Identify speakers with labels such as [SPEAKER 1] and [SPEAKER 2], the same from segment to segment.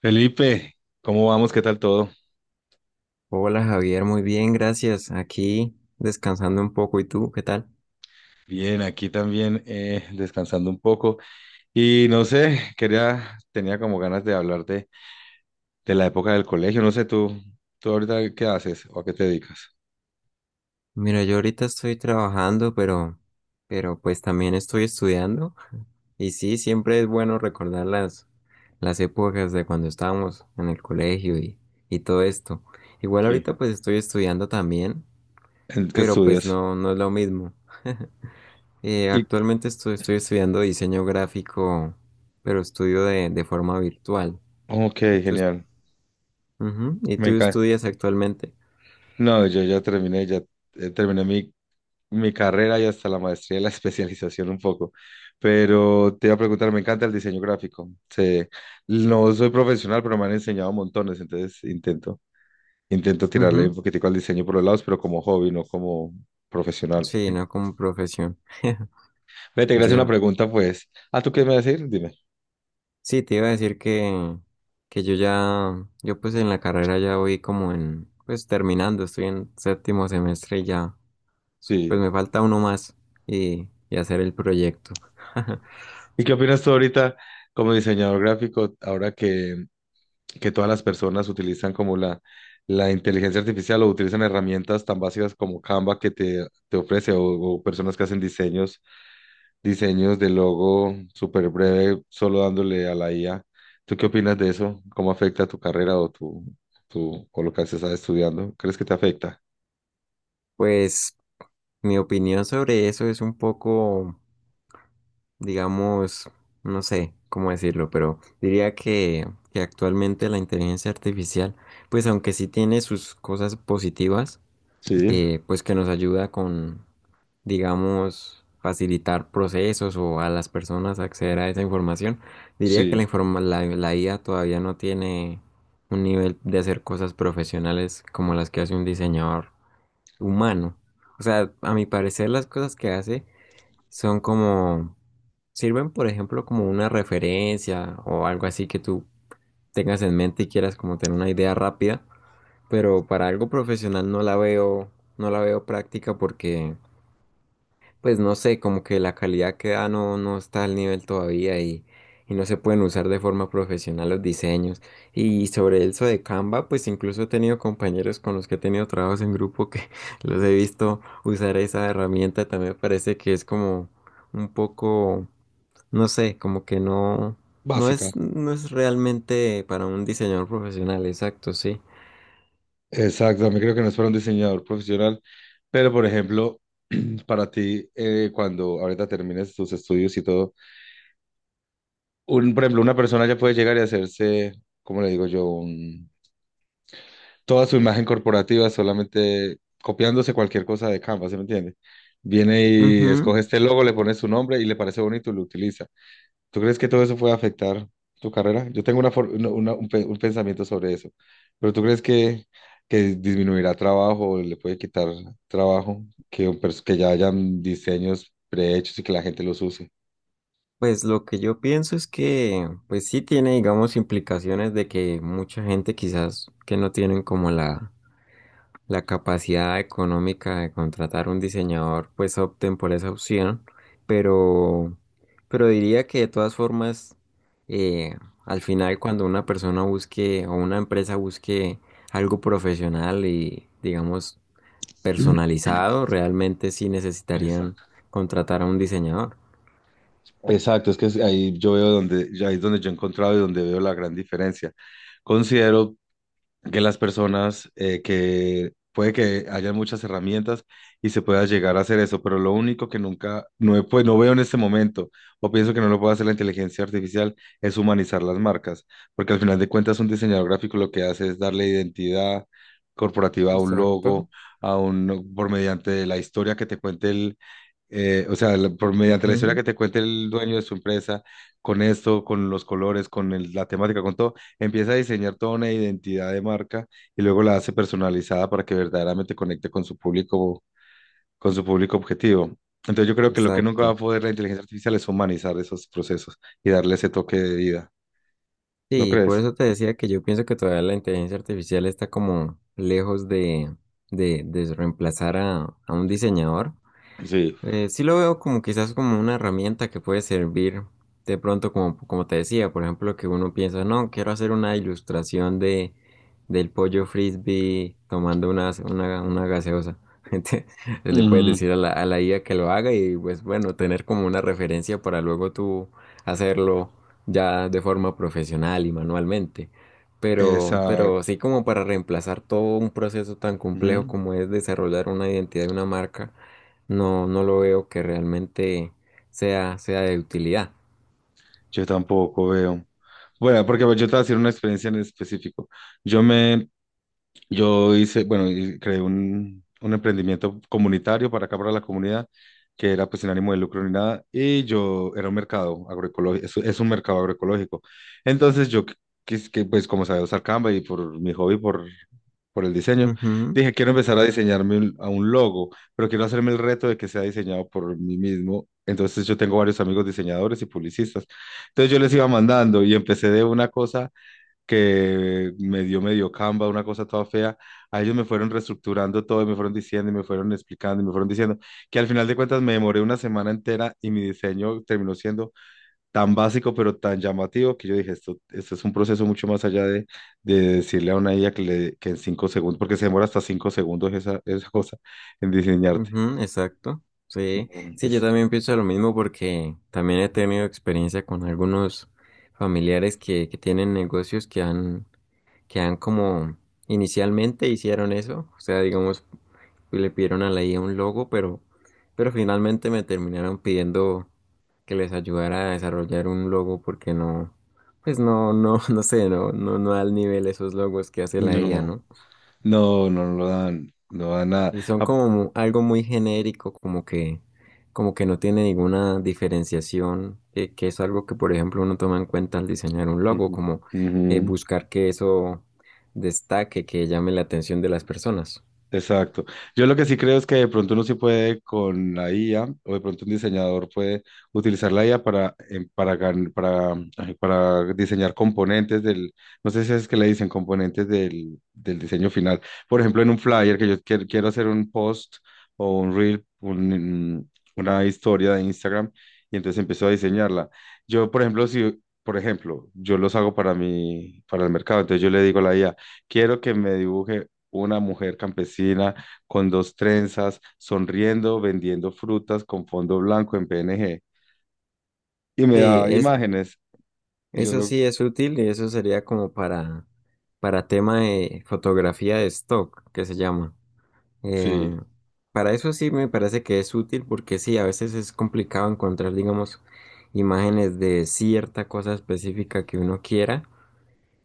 [SPEAKER 1] Felipe, ¿cómo vamos? ¿Qué tal todo?
[SPEAKER 2] Hola Javier, muy bien, gracias. Aquí descansando un poco. ¿Y tú, qué tal?
[SPEAKER 1] Bien, aquí también descansando un poco. Y no sé, tenía como ganas de hablar de la época del colegio. No sé, tú ahorita qué haces o a qué te dedicas.
[SPEAKER 2] Mira, yo ahorita estoy trabajando, pero pues también estoy estudiando. Y sí, siempre es bueno recordar las épocas de cuando estábamos en el colegio y todo esto. Igual
[SPEAKER 1] Sí.
[SPEAKER 2] ahorita pues estoy estudiando también,
[SPEAKER 1] ¿En qué
[SPEAKER 2] pero pues
[SPEAKER 1] estudias?
[SPEAKER 2] no, no es lo mismo.
[SPEAKER 1] Y,
[SPEAKER 2] Actualmente estoy estudiando diseño gráfico, pero estudio de forma virtual.
[SPEAKER 1] ok,
[SPEAKER 2] ¿Y tú, est-
[SPEAKER 1] genial.
[SPEAKER 2] Ujú. ¿Y
[SPEAKER 1] Me
[SPEAKER 2] tú
[SPEAKER 1] encanta.
[SPEAKER 2] estudias actualmente?
[SPEAKER 1] No, yo ya terminé mi carrera y hasta la maestría y la especialización un poco. Pero te iba a preguntar, me encanta el diseño gráfico. Sí, no soy profesional, pero me han enseñado montones, entonces intento tirarle un
[SPEAKER 2] Ujú.
[SPEAKER 1] poquitico al diseño por los lados, pero como hobby, no como profesional.
[SPEAKER 2] Sí, no como profesión.
[SPEAKER 1] Ve, te quería hacer una
[SPEAKER 2] Yo
[SPEAKER 1] pregunta, pues. Ah, ¿tú qué me vas a decir? Dime.
[SPEAKER 2] sí te iba a decir que yo ya, yo pues en la carrera ya voy como en, pues terminando, estoy en séptimo semestre y ya, pues
[SPEAKER 1] Sí.
[SPEAKER 2] me falta uno más y hacer el proyecto.
[SPEAKER 1] ¿Y qué opinas tú ahorita como diseñador gráfico, ahora que todas las personas utilizan como la inteligencia artificial o utilizan herramientas tan básicas como Canva que te ofrece o personas que hacen diseños de logo súper breve, solo dándole a la IA. ¿Tú qué opinas de eso? ¿Cómo afecta tu carrera o o lo que estás estudiando? ¿Crees que te afecta?
[SPEAKER 2] Pues mi opinión sobre eso es un poco, digamos, no sé cómo decirlo, pero diría que actualmente la inteligencia artificial, pues aunque sí tiene sus cosas positivas,
[SPEAKER 1] Sí.
[SPEAKER 2] pues que nos ayuda con digamos, facilitar procesos o a las personas acceder a esa información. Diría que
[SPEAKER 1] Sí,
[SPEAKER 2] la IA todavía no tiene un nivel de hacer cosas profesionales como las que hace un diseñador humano. O sea, a mi parecer las cosas que hace son como, sirven por ejemplo como una referencia o algo así que tú tengas en mente y quieras como tener una idea rápida, pero para algo profesional no la veo, no la veo práctica porque pues no sé, como que la calidad que da no, no está al nivel todavía y no se pueden usar de forma profesional los diseños. Y sobre eso de Canva, pues incluso he tenido compañeros con los que he tenido trabajos en grupo que los he visto usar esa herramienta. También me parece que es como un poco, no sé, como que no,
[SPEAKER 1] básica.
[SPEAKER 2] no es realmente para un diseñador profesional, exacto, sí.
[SPEAKER 1] Exacto, también creo que no es para un diseñador profesional, pero por ejemplo, para ti, cuando ahorita termines tus estudios y todo, por ejemplo, una persona ya puede llegar y hacerse, ¿cómo le digo yo? Toda su imagen corporativa solamente copiándose cualquier cosa de Canva, ¿se me entiende? Viene y
[SPEAKER 2] Ujú.
[SPEAKER 1] escoge este logo, le pone su nombre y le parece bonito y lo utiliza. ¿Tú crees que todo eso puede afectar tu carrera? Yo tengo una, for- una- una- un, pe- un pensamiento sobre eso, pero ¿tú crees que disminuirá trabajo, o le puede quitar trabajo, que ya hayan diseños prehechos y que la gente los use?
[SPEAKER 2] Pues lo que yo pienso es que, pues sí tiene, digamos, implicaciones de que mucha gente quizás que no tienen como la capacidad económica de contratar un diseñador, pues opten por esa opción, pero, pero diría que de todas formas, eh, al final cuando una persona busque o una empresa busque algo profesional y, digamos, personalizado, realmente sí necesitarían
[SPEAKER 1] Exacto.
[SPEAKER 2] contratar a un diseñador.
[SPEAKER 1] Exacto, ahí yo veo donde, ahí es donde yo he encontrado y donde veo la gran diferencia. Considero que las personas que puede que haya muchas herramientas y se pueda llegar a hacer eso, pero lo único que nunca, no veo en este momento, o pienso que no lo puede hacer la inteligencia artificial, es humanizar las marcas, porque al final de cuentas un diseñador gráfico lo que hace es darle identidad corporativa a un logo,
[SPEAKER 2] Exacto.
[SPEAKER 1] a un, por mediante la historia que te cuente, o sea, mediante la historia
[SPEAKER 2] Ujú.
[SPEAKER 1] que te cuente el dueño de su empresa, con esto, con los colores, con la temática, con todo, empieza a diseñar toda una identidad de marca y luego la hace personalizada para que verdaderamente conecte con su público objetivo. Entonces yo creo que lo que nunca va a
[SPEAKER 2] Exacto.
[SPEAKER 1] poder la inteligencia artificial es humanizar esos procesos y darle ese toque de vida. ¿No
[SPEAKER 2] Sí, por
[SPEAKER 1] crees?
[SPEAKER 2] eso te decía que yo pienso que todavía la inteligencia artificial está como lejos de reemplazar a un diseñador.
[SPEAKER 1] Sí.
[SPEAKER 2] Sí lo veo como quizás como una herramienta que puede servir de pronto como, como te decía, por ejemplo, que uno piensa, no, quiero hacer una ilustración de del pollo frisbee tomando una gaseosa. Entonces, le puedes
[SPEAKER 1] Mm,
[SPEAKER 2] decir a a la IA que lo haga y pues bueno, tener como una referencia para luego tú hacerlo ya de forma profesional y manualmente. Pero
[SPEAKER 1] exacto.
[SPEAKER 2] sí como para reemplazar todo un proceso tan complejo
[SPEAKER 1] Ujú.
[SPEAKER 2] como es desarrollar una identidad de una marca no, no lo veo que realmente sea de utilidad.
[SPEAKER 1] Yo tampoco veo. Bueno, porque pues, yo te voy a decir una experiencia en específico. Yo me Yo hice, bueno, y creé un emprendimiento comunitario para acá, para la comunidad, que era pues sin ánimo de lucro ni nada, y yo era un mercado agroecológico, es un mercado agroecológico. Entonces yo, pues como sabía usar Canva y por mi hobby, por el diseño,
[SPEAKER 2] Ujú,
[SPEAKER 1] dije, quiero empezar a diseñarme a un logo, pero quiero hacerme el reto de que sea diseñado por mí mismo. Entonces yo tengo varios amigos diseñadores y publicistas. Entonces yo les iba mandando y empecé de una cosa que me dio medio Canva, una cosa toda fea. A ellos me fueron reestructurando todo y me fueron diciendo y me fueron explicando y me fueron diciendo que al final de cuentas me demoré una semana entera y mi diseño terminó siendo tan básico pero tan llamativo que yo dije, esto es un proceso mucho más allá de decirle a una IA que en 5 segundos, porque se demora hasta 5 segundos esa cosa en diseñarte.
[SPEAKER 2] ujú, exacto. Sí,
[SPEAKER 1] No,
[SPEAKER 2] sí, yo también pienso lo mismo porque también he tenido experiencia con algunos familiares que tienen negocios que han como inicialmente hicieron eso. O sea, digamos, y le pidieron a la IA un logo, pero finalmente me terminaron pidiendo que les ayudara a desarrollar un logo porque no, pues no, no, no sé, no, no, no al nivel esos logos que hace la IA,
[SPEAKER 1] no,
[SPEAKER 2] ¿no?
[SPEAKER 1] no, no no lo dan, no dan nada.
[SPEAKER 2] Y son
[SPEAKER 1] Ah,
[SPEAKER 2] como mu- algo muy genérico, como que no tiene ninguna diferenciación, que es algo que, por ejemplo, uno toma en cuenta al diseñar un logo,
[SPEAKER 1] ujú,
[SPEAKER 2] como
[SPEAKER 1] ujú.
[SPEAKER 2] buscar que eso destaque, que llame la atención de las personas.
[SPEAKER 1] Exacto. Yo lo que sí creo es que de pronto uno sí puede con la IA, o de pronto un diseñador puede utilizar la IA para, em, para, gan- para, ay, para diseñar componentes del, no sé si es que le dicen componentes del diseño final. Por ejemplo, en un flyer que yo quiero hacer un post o un reel, una historia de Instagram, y entonces empiezo a diseñarla. Yo, por ejemplo, si, por ejemplo, yo los hago para el mercado, entonces yo le digo a la IA, quiero que me dibuje una mujer campesina con dos trenzas, sonriendo, vendiendo frutas con fondo blanco en PNG. Y me
[SPEAKER 2] Sí,
[SPEAKER 1] daba
[SPEAKER 2] es
[SPEAKER 1] imágenes. Y yo
[SPEAKER 2] eso
[SPEAKER 1] lo...
[SPEAKER 2] sí es útil y eso sería como para tema de fotografía de stock, que se llama. Eh,
[SPEAKER 1] Sí,
[SPEAKER 2] para eso sí me parece que es útil porque sí, a veces es complicado encontrar, digamos, imágenes de cierta cosa específica que uno quiera.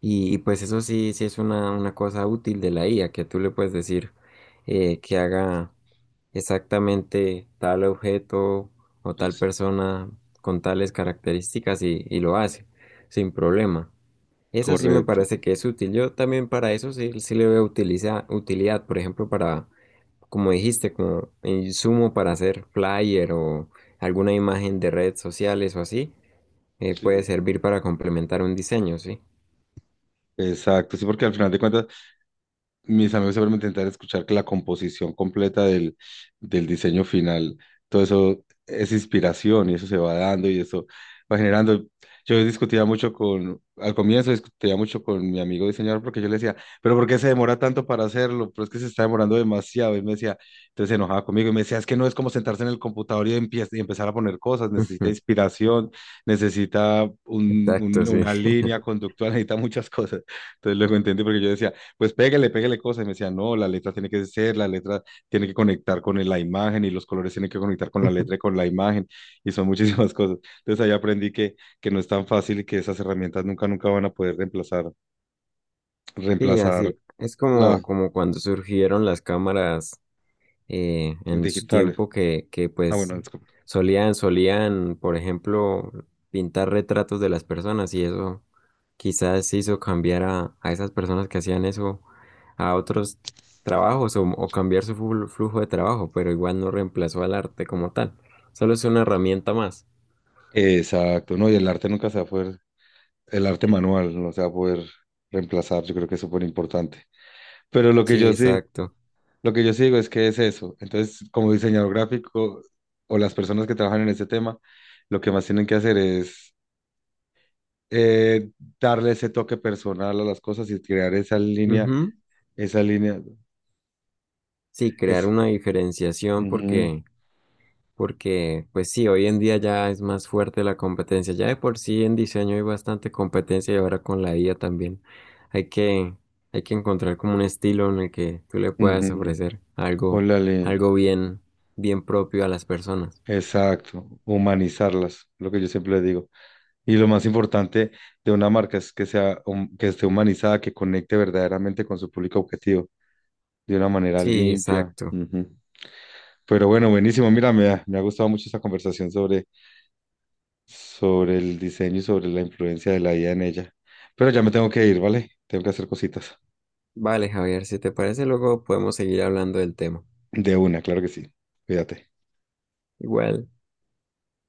[SPEAKER 2] Y pues eso sí, sí es una cosa útil de la IA, que tú le puedes decir que haga exactamente tal objeto o tal
[SPEAKER 1] es
[SPEAKER 2] persona con tales características y lo hace sin problema. Eso sí me
[SPEAKER 1] correcto.
[SPEAKER 2] parece que es útil. Yo también para eso sí, sí le veo utilidad, por ejemplo, para, como dijiste, como insumo para hacer flyer o alguna imagen de redes sociales o así, puede
[SPEAKER 1] Sí,
[SPEAKER 2] servir para complementar un diseño, ¿sí?
[SPEAKER 1] exacto. Sí, porque al final de cuentas mis amigos siempre me intentan escuchar que la composición completa del diseño final, todo eso es inspiración y eso se va dando y eso va generando. Yo discutía al comienzo discutía mucho con mi amigo diseñador porque yo le decía, pero ¿por qué se demora tanto para hacerlo? Pero es que se está demorando demasiado. Y me decía, entonces se enojaba conmigo y me decía, es que no es como sentarse en el computador y empezar a poner cosas, necesita
[SPEAKER 2] Ujú.
[SPEAKER 1] inspiración, necesita un-
[SPEAKER 2] Exacto,
[SPEAKER 1] un-
[SPEAKER 2] sí.
[SPEAKER 1] una línea conductual, necesita muchas cosas. Entonces luego entendí porque yo decía, pues pégale, pégale cosas. Y me decía, no, la letra tiene que conectar con la imagen y los colores tienen que conectar con la letra y con la imagen. Y son muchísimas cosas. Entonces ahí aprendí que no es tan fácil y que esas herramientas nunca, nunca van a poder reemplazar,
[SPEAKER 2] Sí,
[SPEAKER 1] reemplazar
[SPEAKER 2] así es como,
[SPEAKER 1] la
[SPEAKER 2] como cuando surgieron las cámaras en su
[SPEAKER 1] digitales.
[SPEAKER 2] tiempo que
[SPEAKER 1] Ah,
[SPEAKER 2] pues
[SPEAKER 1] bueno, disculpa.
[SPEAKER 2] solían, por ejemplo, pintar retratos de las personas y eso quizás hizo cambiar a esas personas que hacían eso a otros trabajos o cambiar su flujo de trabajo, pero igual no reemplazó al arte como tal, solo es una herramienta más.
[SPEAKER 1] Exacto, no, y el arte nunca se va a poder, el arte manual no se va a poder reemplazar, yo creo que es súper importante. Pero lo que
[SPEAKER 2] Sí,
[SPEAKER 1] yo sí,
[SPEAKER 2] exacto.
[SPEAKER 1] Lo que yo sí digo es que es eso. Entonces, como diseñador gráfico o las personas que trabajan en ese tema, lo que más tienen que hacer es eh, darle ese toque personal a las cosas y crear
[SPEAKER 2] Ujú.
[SPEAKER 1] esa línea,
[SPEAKER 2] Sí, crear
[SPEAKER 1] es,
[SPEAKER 2] una diferenciación
[SPEAKER 1] ujú,
[SPEAKER 2] porque pues sí, hoy en día ya es más fuerte la competencia. Ya de por sí en diseño hay bastante competencia y ahora con la IA también hay hay que encontrar como un estilo en el que tú le puedas
[SPEAKER 1] ujú.
[SPEAKER 2] ofrecer algo,
[SPEAKER 1] Ólale,
[SPEAKER 2] algo bien, bien propio a las personas.
[SPEAKER 1] exacto, humanizarlas, lo que yo siempre le digo. Y lo más importante de una marca es que que esté humanizada, que conecte verdaderamente con su público objetivo de una manera
[SPEAKER 2] Sí,
[SPEAKER 1] limpia.
[SPEAKER 2] exacto.
[SPEAKER 1] Ujú. Pero bueno, buenísimo. Mira, me ha gustado mucho esta conversación sobre el diseño y sobre la influencia de la IA en ella. Pero ya me tengo que ir, ¿vale? Tengo que hacer cositas.
[SPEAKER 2] Vale, Javier, si te parece, luego podemos seguir hablando del tema.
[SPEAKER 1] De una, claro que sí. Cuídate.
[SPEAKER 2] Igual.